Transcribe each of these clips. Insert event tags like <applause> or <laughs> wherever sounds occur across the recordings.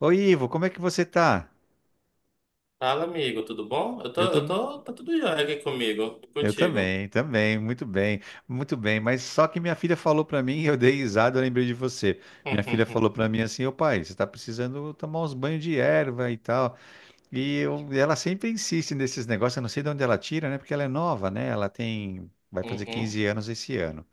Oi, Ivo, como é que você tá? Fala, amigo, tudo bom? Eu tô, Eu tô eu muito... tô, tá tudo jóia aqui comigo, e Eu contigo. também, também, muito bem, muito bem. Mas só que minha filha falou pra mim, <laughs> eu dei risada, eu lembrei de você. Minha filha falou <laughs> pra mim assim, ô pai, você tá precisando tomar uns banhos de erva e tal. Ela sempre insiste nesses negócios, eu não sei de onde ela tira, né? Porque ela é nova, né? Ela tem, vai fazer Uhum. 15 anos esse ano.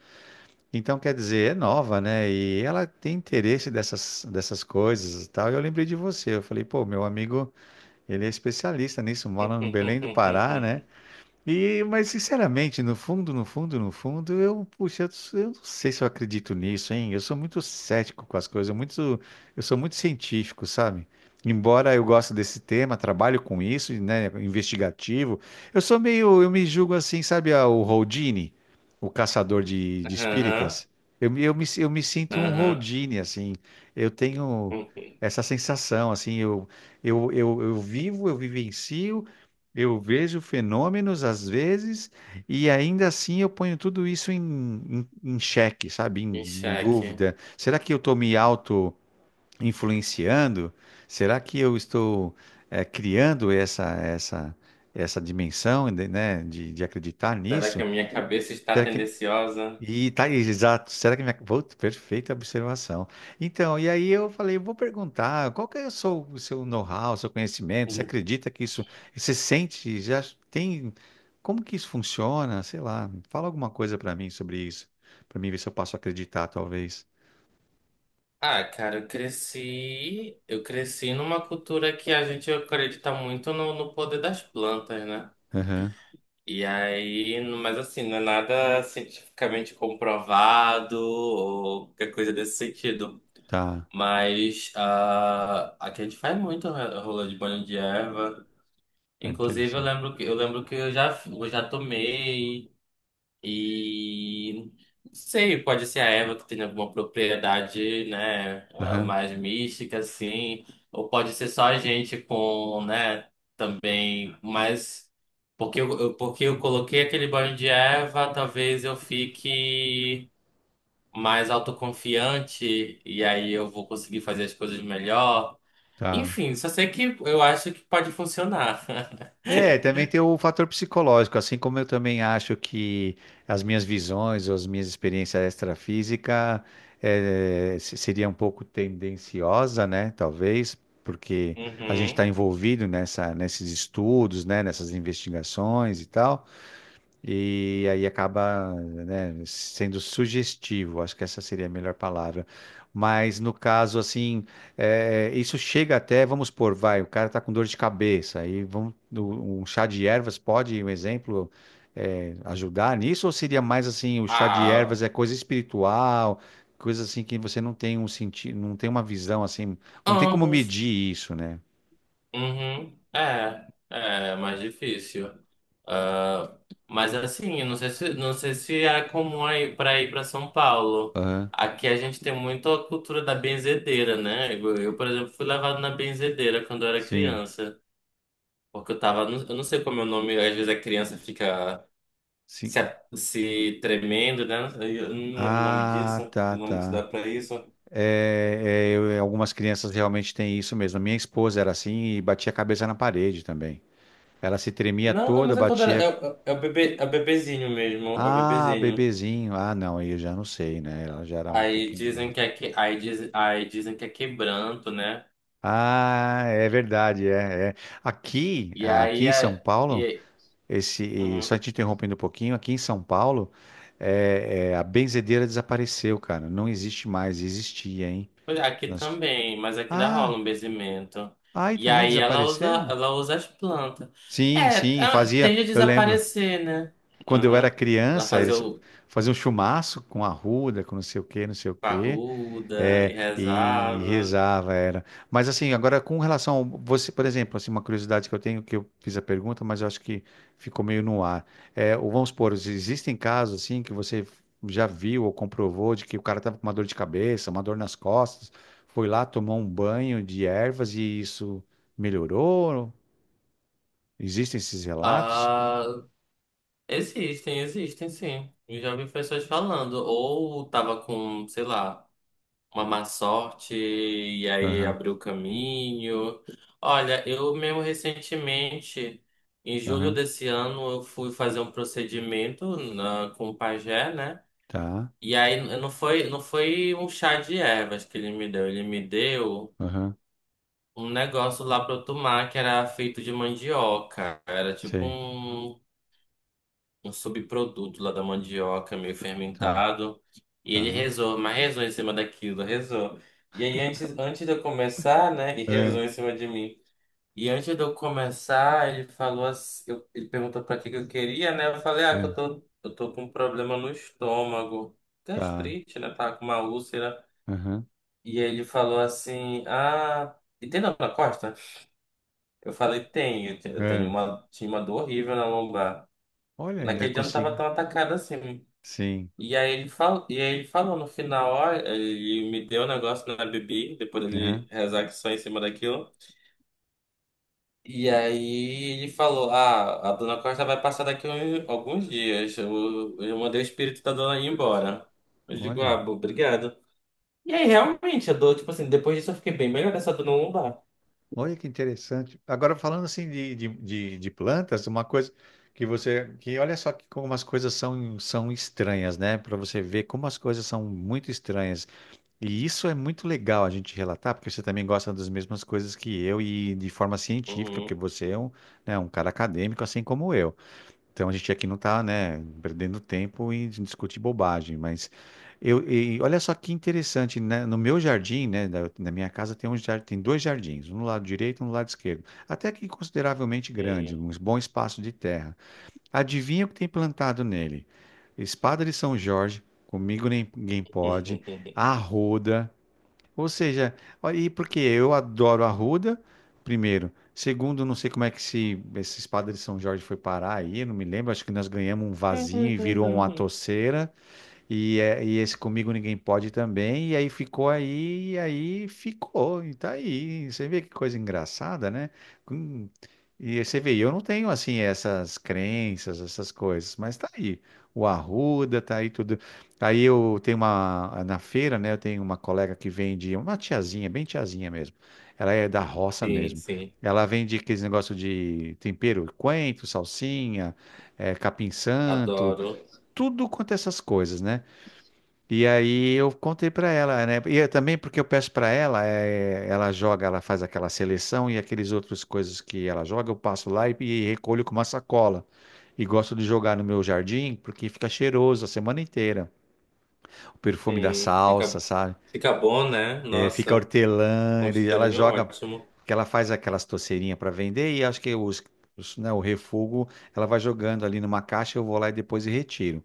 Então, quer dizer, é nova, né? E ela tem interesse dessas coisas e tal. E eu lembrei de você, eu falei, pô, meu amigo, ele é especialista nisso, mora no Belém do Pará, Uhum. né? E, mas sinceramente, no fundo, puxa, eu não sei se eu acredito nisso, hein? Eu sou muito cético com as coisas, muito, eu sou muito científico, sabe? Embora eu goste desse tema, trabalho com isso, né, investigativo, eu sou meio, eu me julgo assim, sabe, ah, o Houdini, o caçador de Aham, espíritas. Eu me sinto um aham. Houdini, assim. Eu tenho essa sensação, assim, eu vivo, eu vivencio, eu vejo fenômenos às vezes e ainda assim eu ponho tudo isso em xeque, sabe? Em Em xeque. dúvida. Será que eu estou me auto-influenciando? Será que eu estou criando essa dimensão, né, de acreditar Será que nisso? a minha cabeça está Será que, tendenciosa? e tá aí, exato. Será que minha. Pô, perfeita observação. Então, e aí eu falei, vou perguntar, qual que é o seu know-how, o seu conhecimento? Você Uhum. acredita que isso. Você sente, já tem. Como que isso funciona? Sei lá, fala alguma coisa pra mim sobre isso. Pra mim ver se eu posso acreditar, talvez. Ah, cara, eu cresci numa cultura que a gente acredita muito no poder das plantas, né? Aham, E aí, mas assim, não é nada cientificamente comprovado ou qualquer coisa desse sentido. tá. Mas aqui a gente faz muito rolê de banho de erva. É Inclusive, eu interessante. lembro que eu lembro que eu já tomei e não sei, pode ser a erva que tem alguma propriedade, né, Aham, mais mística, assim, ou pode ser só a gente com, né, também, mas porque eu coloquei aquele banho de erva, talvez eu fique mais autoconfiante e aí eu vou conseguir fazer as coisas melhor. tá. Enfim, só sei que eu acho que pode funcionar. <laughs> É, também tem o fator psicológico, assim como eu também acho que as minhas visões ou as minhas experiências extrafísicas seria um pouco tendenciosa, né? Talvez, porque a gente está Uhum. envolvido nesses estudos, né? Nessas investigações e tal. E aí acaba, né, sendo sugestivo, acho que essa seria a melhor palavra. Mas no caso, assim, é, isso chega até, vamos supor, vai, o cara está com dor de cabeça, aí vamos, um chá de ervas pode, um exemplo, é, ajudar nisso? Ou seria mais assim, o chá de ervas Ah, é coisa espiritual, coisa assim que você não tem um sentido, não tem uma visão assim, não tem como ambos. medir isso, né? Uhum. É, é mais difícil. Ah, mas assim, eu não sei se, não sei se é comum aí para ir para São Paulo. Aham. Aqui a gente tem muito a cultura da benzedeira, né? Por exemplo, fui levado na benzedeira quando eu era Sim, criança. Porque eu tava, eu não sei como é o nome, às vezes a criança fica sim. se, se tremendo, né? Eu não lembro o nome disso, Ah, o tá, nome que se dá tá. pra isso. É, é, algumas crianças realmente têm isso mesmo. A minha esposa era assim e batia a cabeça na parede também. Ela se tremia Não, não, toda, mas é quando era, batia. É o bebê, é o bebezinho mesmo, é o Ah, bebezinho. bebezinho. Ah, não, aí eu já não sei, né? Ela já era um Aí pouquinho dizem grande. que é, que, aí diz, aí dizem que é quebranto, né? Ah, é verdade, é, é. E Aqui aí em São é, Paulo, e, esse, e uhum. só te interrompendo um pouquinho, aqui em São Paulo, a benzedeira desapareceu, cara. Não existe mais, existia, hein? Pois é, aqui Nós- também, mas aqui ainda Ah, rola um benzimento. aí E também aí desapareceram? ela usa as plantas. Sim, É, sim, ah, fazia. tende a Eu lembro, desaparecer, né? quando eu era Uhum. Ela criança, fazia eles o faziam chumaço com arruda, com não sei o quê, não sei o quê, parruda e é, e rezava. rezava, era. Mas assim, agora com relação ao, você, por exemplo, assim, uma curiosidade que eu tenho, que eu fiz a pergunta, mas eu acho que ficou meio no ar. É, ou vamos supor, existem casos assim que você já viu ou comprovou de que o cara estava com uma dor de cabeça, uma dor nas costas, foi lá, tomou um banho de ervas e isso melhorou? Existem esses relatos? Ah, existem, existem sim. Eu já vi pessoas falando. Ou tava com, sei lá, uma má sorte e aí Aham. abriu o caminho. Olha, eu mesmo recentemente, em julho Aham, desse ano, eu fui fazer um procedimento na, com o pajé, né? tá. E aí não foi, não foi um chá de ervas que ele me deu. Ele me deu Aham, um negócio lá pra eu tomar que era feito de mandioca. Era tipo sei, um. Um subproduto lá da mandioca meio tá, fermentado. E ele tá, rezou, mas rezou em cima daquilo, rezou. E aí, antes, antes de eu começar, né? E rezou é, em cima de mim. E antes de eu começar, ele falou assim, ele perguntou pra que que eu queria, né? Eu falei, ah, que é, eu tô com um problema no estômago. tá, Gastrite, né? Tava com uma úlcera. aham, E aí ele falou assim, ah, e tem dor na costa? Eu falei, tem, eu tenho é. uma, tinha uma dor horrível na lombar. Olha, ainda Naquele dia eu não tava consegui. tão atacada assim. Sim, E aí ele falou no final, ó, ele me deu um negócio na bebida, depois ele aham. rezar que só em cima daquilo. E aí ele falou, ah, a dona Costa vai passar daqui alguns dias. Eu mandei o espírito da dona ir embora. Eu digo, ah, Olha, obrigado. E aí realmente, eu dou, tipo assim, depois disso eu fiquei bem melhor dessa dona não dá. olha que interessante. Agora, falando assim de plantas, uma coisa que você, que olha só que como as coisas são, são estranhas, né? Para você ver como as coisas são muito estranhas. E isso é muito legal a gente relatar, porque você também gosta das mesmas coisas que eu e de forma científica, porque Uhum, você é um, né, um cara acadêmico, assim como eu. Então a gente aqui não está, né, perdendo tempo em discutir bobagem, mas eu, e olha só que interessante, né? No meu jardim, né, na minha casa tem tem dois jardins, um no lado direito e um no lado esquerdo, até que consideravelmente grande, sim. um bom espaço de terra. Adivinha o que tem plantado nele? Espada de São Jorge, comigo ninguém pode, <laughs> arruda, ou seja, ó, e porque eu adoro a arruda, primeiro. Segundo, não sei como é que se esse espada de São Jorge foi parar aí, não me lembro. Acho que nós ganhamos um vazio e virou uma toceira. E esse Comigo Ninguém Pode também, e aí ficou, e tá aí. Você vê que coisa engraçada, né? Hum. E você vê, eu não tenho assim essas crenças, essas coisas, mas tá aí. O arruda, tá aí tudo. Aí eu tenho uma, na feira, né? Eu tenho uma colega que vende, uma tiazinha, bem tiazinha mesmo. Ela é da roça Sim, mesmo. sim. Ela vende aqueles negócio de tempero, coentro, salsinha, capim-santo, Adoro. tudo quanto é essas coisas, né? E aí eu contei pra ela, né? E eu também porque eu peço pra ela, ela joga, ela faz aquela seleção e aqueles outros coisas que ela joga, eu passo lá e recolho com uma sacola. E gosto de jogar no meu jardim porque fica cheiroso a semana inteira. O perfume da Sim, salsa, fica, sabe? fica bom, né? Fica Nossa. hortelã, Com ela cheirinho joga, ótimo. que ela faz aquelas toceirinhas para vender e acho que né, o refúgio ela vai jogando ali numa caixa, eu vou lá e depois retiro.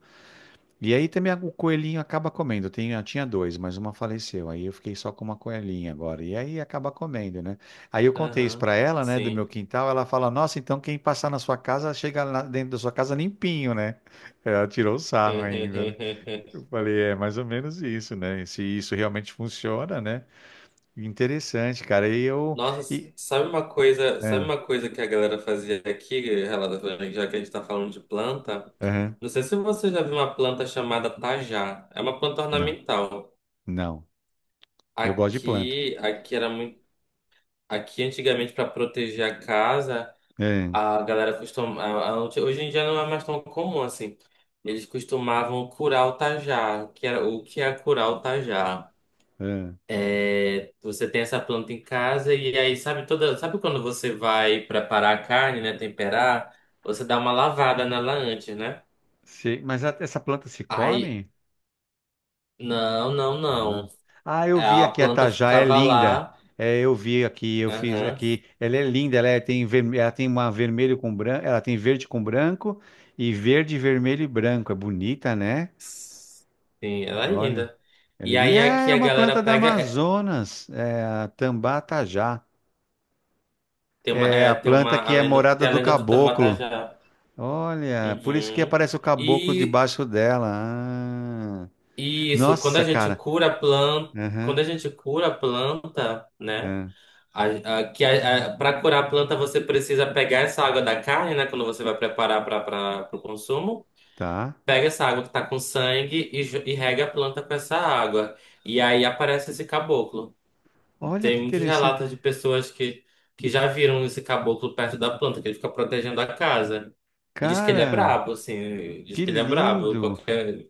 E aí também o coelhinho acaba comendo. Eu tinha dois, mas uma faleceu. Aí eu fiquei só com uma coelhinha agora. E aí acaba comendo, né? Aí eu contei isso Aham, pra ela, né, do meu sim. quintal. Ela fala: Nossa, então quem passar na sua casa chega lá dentro da sua casa limpinho, né? É, ela tirou o sarro ainda, né? <laughs> Eu falei: é mais ou menos isso, né? Se isso realmente funciona, né? Interessante, cara. E eu. Nossa, E... sabe Ah, uma coisa que a galera fazia aqui, relata já que a gente tá falando de planta? aham. Não sei se você já viu uma planta chamada tajá. É uma planta Não, ornamental. não. Eu gosto de planta. Aqui, aqui era muito, aqui antigamente para proteger a casa, Ah, a galera costumava, hoje em dia não é mais tão comum assim. Eles costumavam curar o tajá, que era o que é curar o tajá? ah. Você tem essa planta em casa e aí sabe toda, sabe quando você vai preparar a carne, né, temperar, você dá uma lavada nela antes, né? Essa planta se Aí, come? não, não, Ah. não. Ah, eu É, vi a aqui a planta Tajá, é ficava linda. lá. É, eu vi aqui, eu fiz Aham. aqui. Ela é linda, tem, ela tem uma vermelho com branco, ela tem verde com branco e verde, vermelho e branco. É bonita, né? Sim, ela é Olha. linda. E aí Ah, aqui é a uma galera planta da pega, Amazonas, é a Tambá Tajá. É a é, tem planta uma a que é lenda, morada tem a do lenda do caboclo. Tamatajá. Olha, por isso que Uhum. aparece o caboclo E, debaixo dela. Ah. e isso, Nossa, cara. Quando Aham, a gente cura a planta, né? é, A- que para curar a planta, você precisa pegar essa água da carne, né? Quando você vai preparar para o consumo, tá. pega essa água que tá com sangue e, e rega a planta com essa água. E aí aparece esse caboclo. Olha que Tem muitos interessante. relatos de pessoas que já viram esse caboclo perto da planta, que ele fica protegendo a casa. E diz que ele é Cara, brabo, assim. Diz que que ele é brabo. lindo! Qualquer.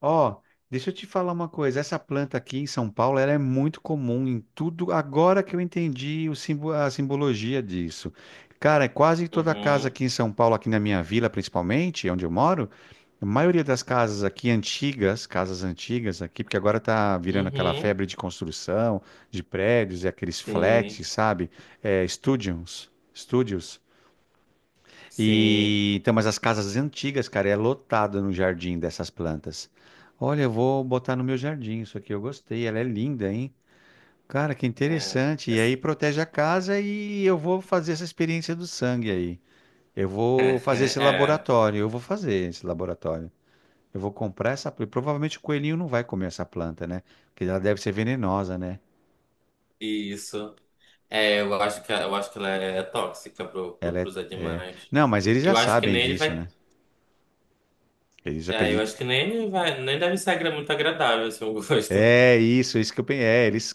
Ó, deixa eu te falar uma coisa. Essa planta aqui em São Paulo, ela é muito comum em tudo. Agora que eu entendi o a simbologia disso. Cara, é quase toda casa Uhum, aqui em São Paulo, aqui na minha vila principalmente, onde eu moro, a maioria das casas aqui antigas, casas antigas aqui, porque agora tá virando aquela uhum, febre de construção, de prédios e aqueles flats, sim, sabe? É, studios, sim. e então, mas as casas antigas, cara, é lotada no jardim dessas plantas. Olha, eu vou botar no meu jardim isso aqui, eu gostei, ela é linda, hein? Cara, que É, interessante. E aí protege a casa e eu vou fazer essa experiência do sangue aí. Eu é, vou fazer esse <laughs> é, laboratório, eu vou fazer esse laboratório. Eu vou comprar essa planta. Provavelmente o coelhinho não vai comer essa planta, né? Porque ela deve ser venenosa, né? isso. É, eu acho que ela é tóxica Ela é, pros é... animais. Não, mas eles já Eu acho que sabem nem ele disso, vai. né? Eles É, eu acreditam. acho que nem ele vai. Nem deve ser muito agradável, assim, o gosto. É isso que eu pensei. É, eles,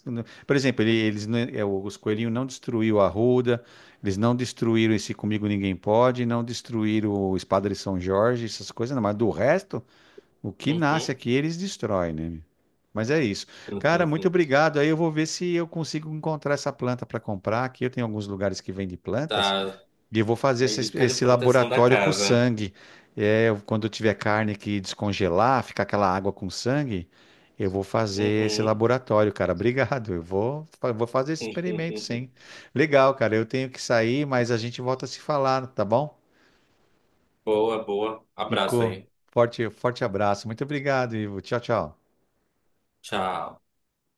por exemplo, ele- eles, não- é, os coelhinhos não destruíram a arruda, eles não destruíram esse Comigo Ninguém Pode, não destruíram o Espada de São Jorge, essas coisas, não, mas do resto, o que nasce Uhum. aqui eles destroem, né? meu? Mas é isso. Cara, muito obrigado. Aí eu vou ver se eu consigo encontrar essa planta para comprar. Aqui eu tenho alguns lugares que vendem <laughs> plantas. Tá. E eu vou fazer É dica de esse proteção da laboratório com o casa. sangue. Quando eu tiver carne que descongelar, ficar aquela água com sangue, eu vou fazer esse Uhum. laboratório, cara. Obrigado. Eu vou, vou fazer esse experimento, sim. <laughs> Legal, cara. Eu tenho que sair, mas a gente volta a se falar, tá bom? Boa, boa. Abraço Ficou. aí. Forte, forte abraço. Muito obrigado, Ivo. Tchau, tchau. Tchau.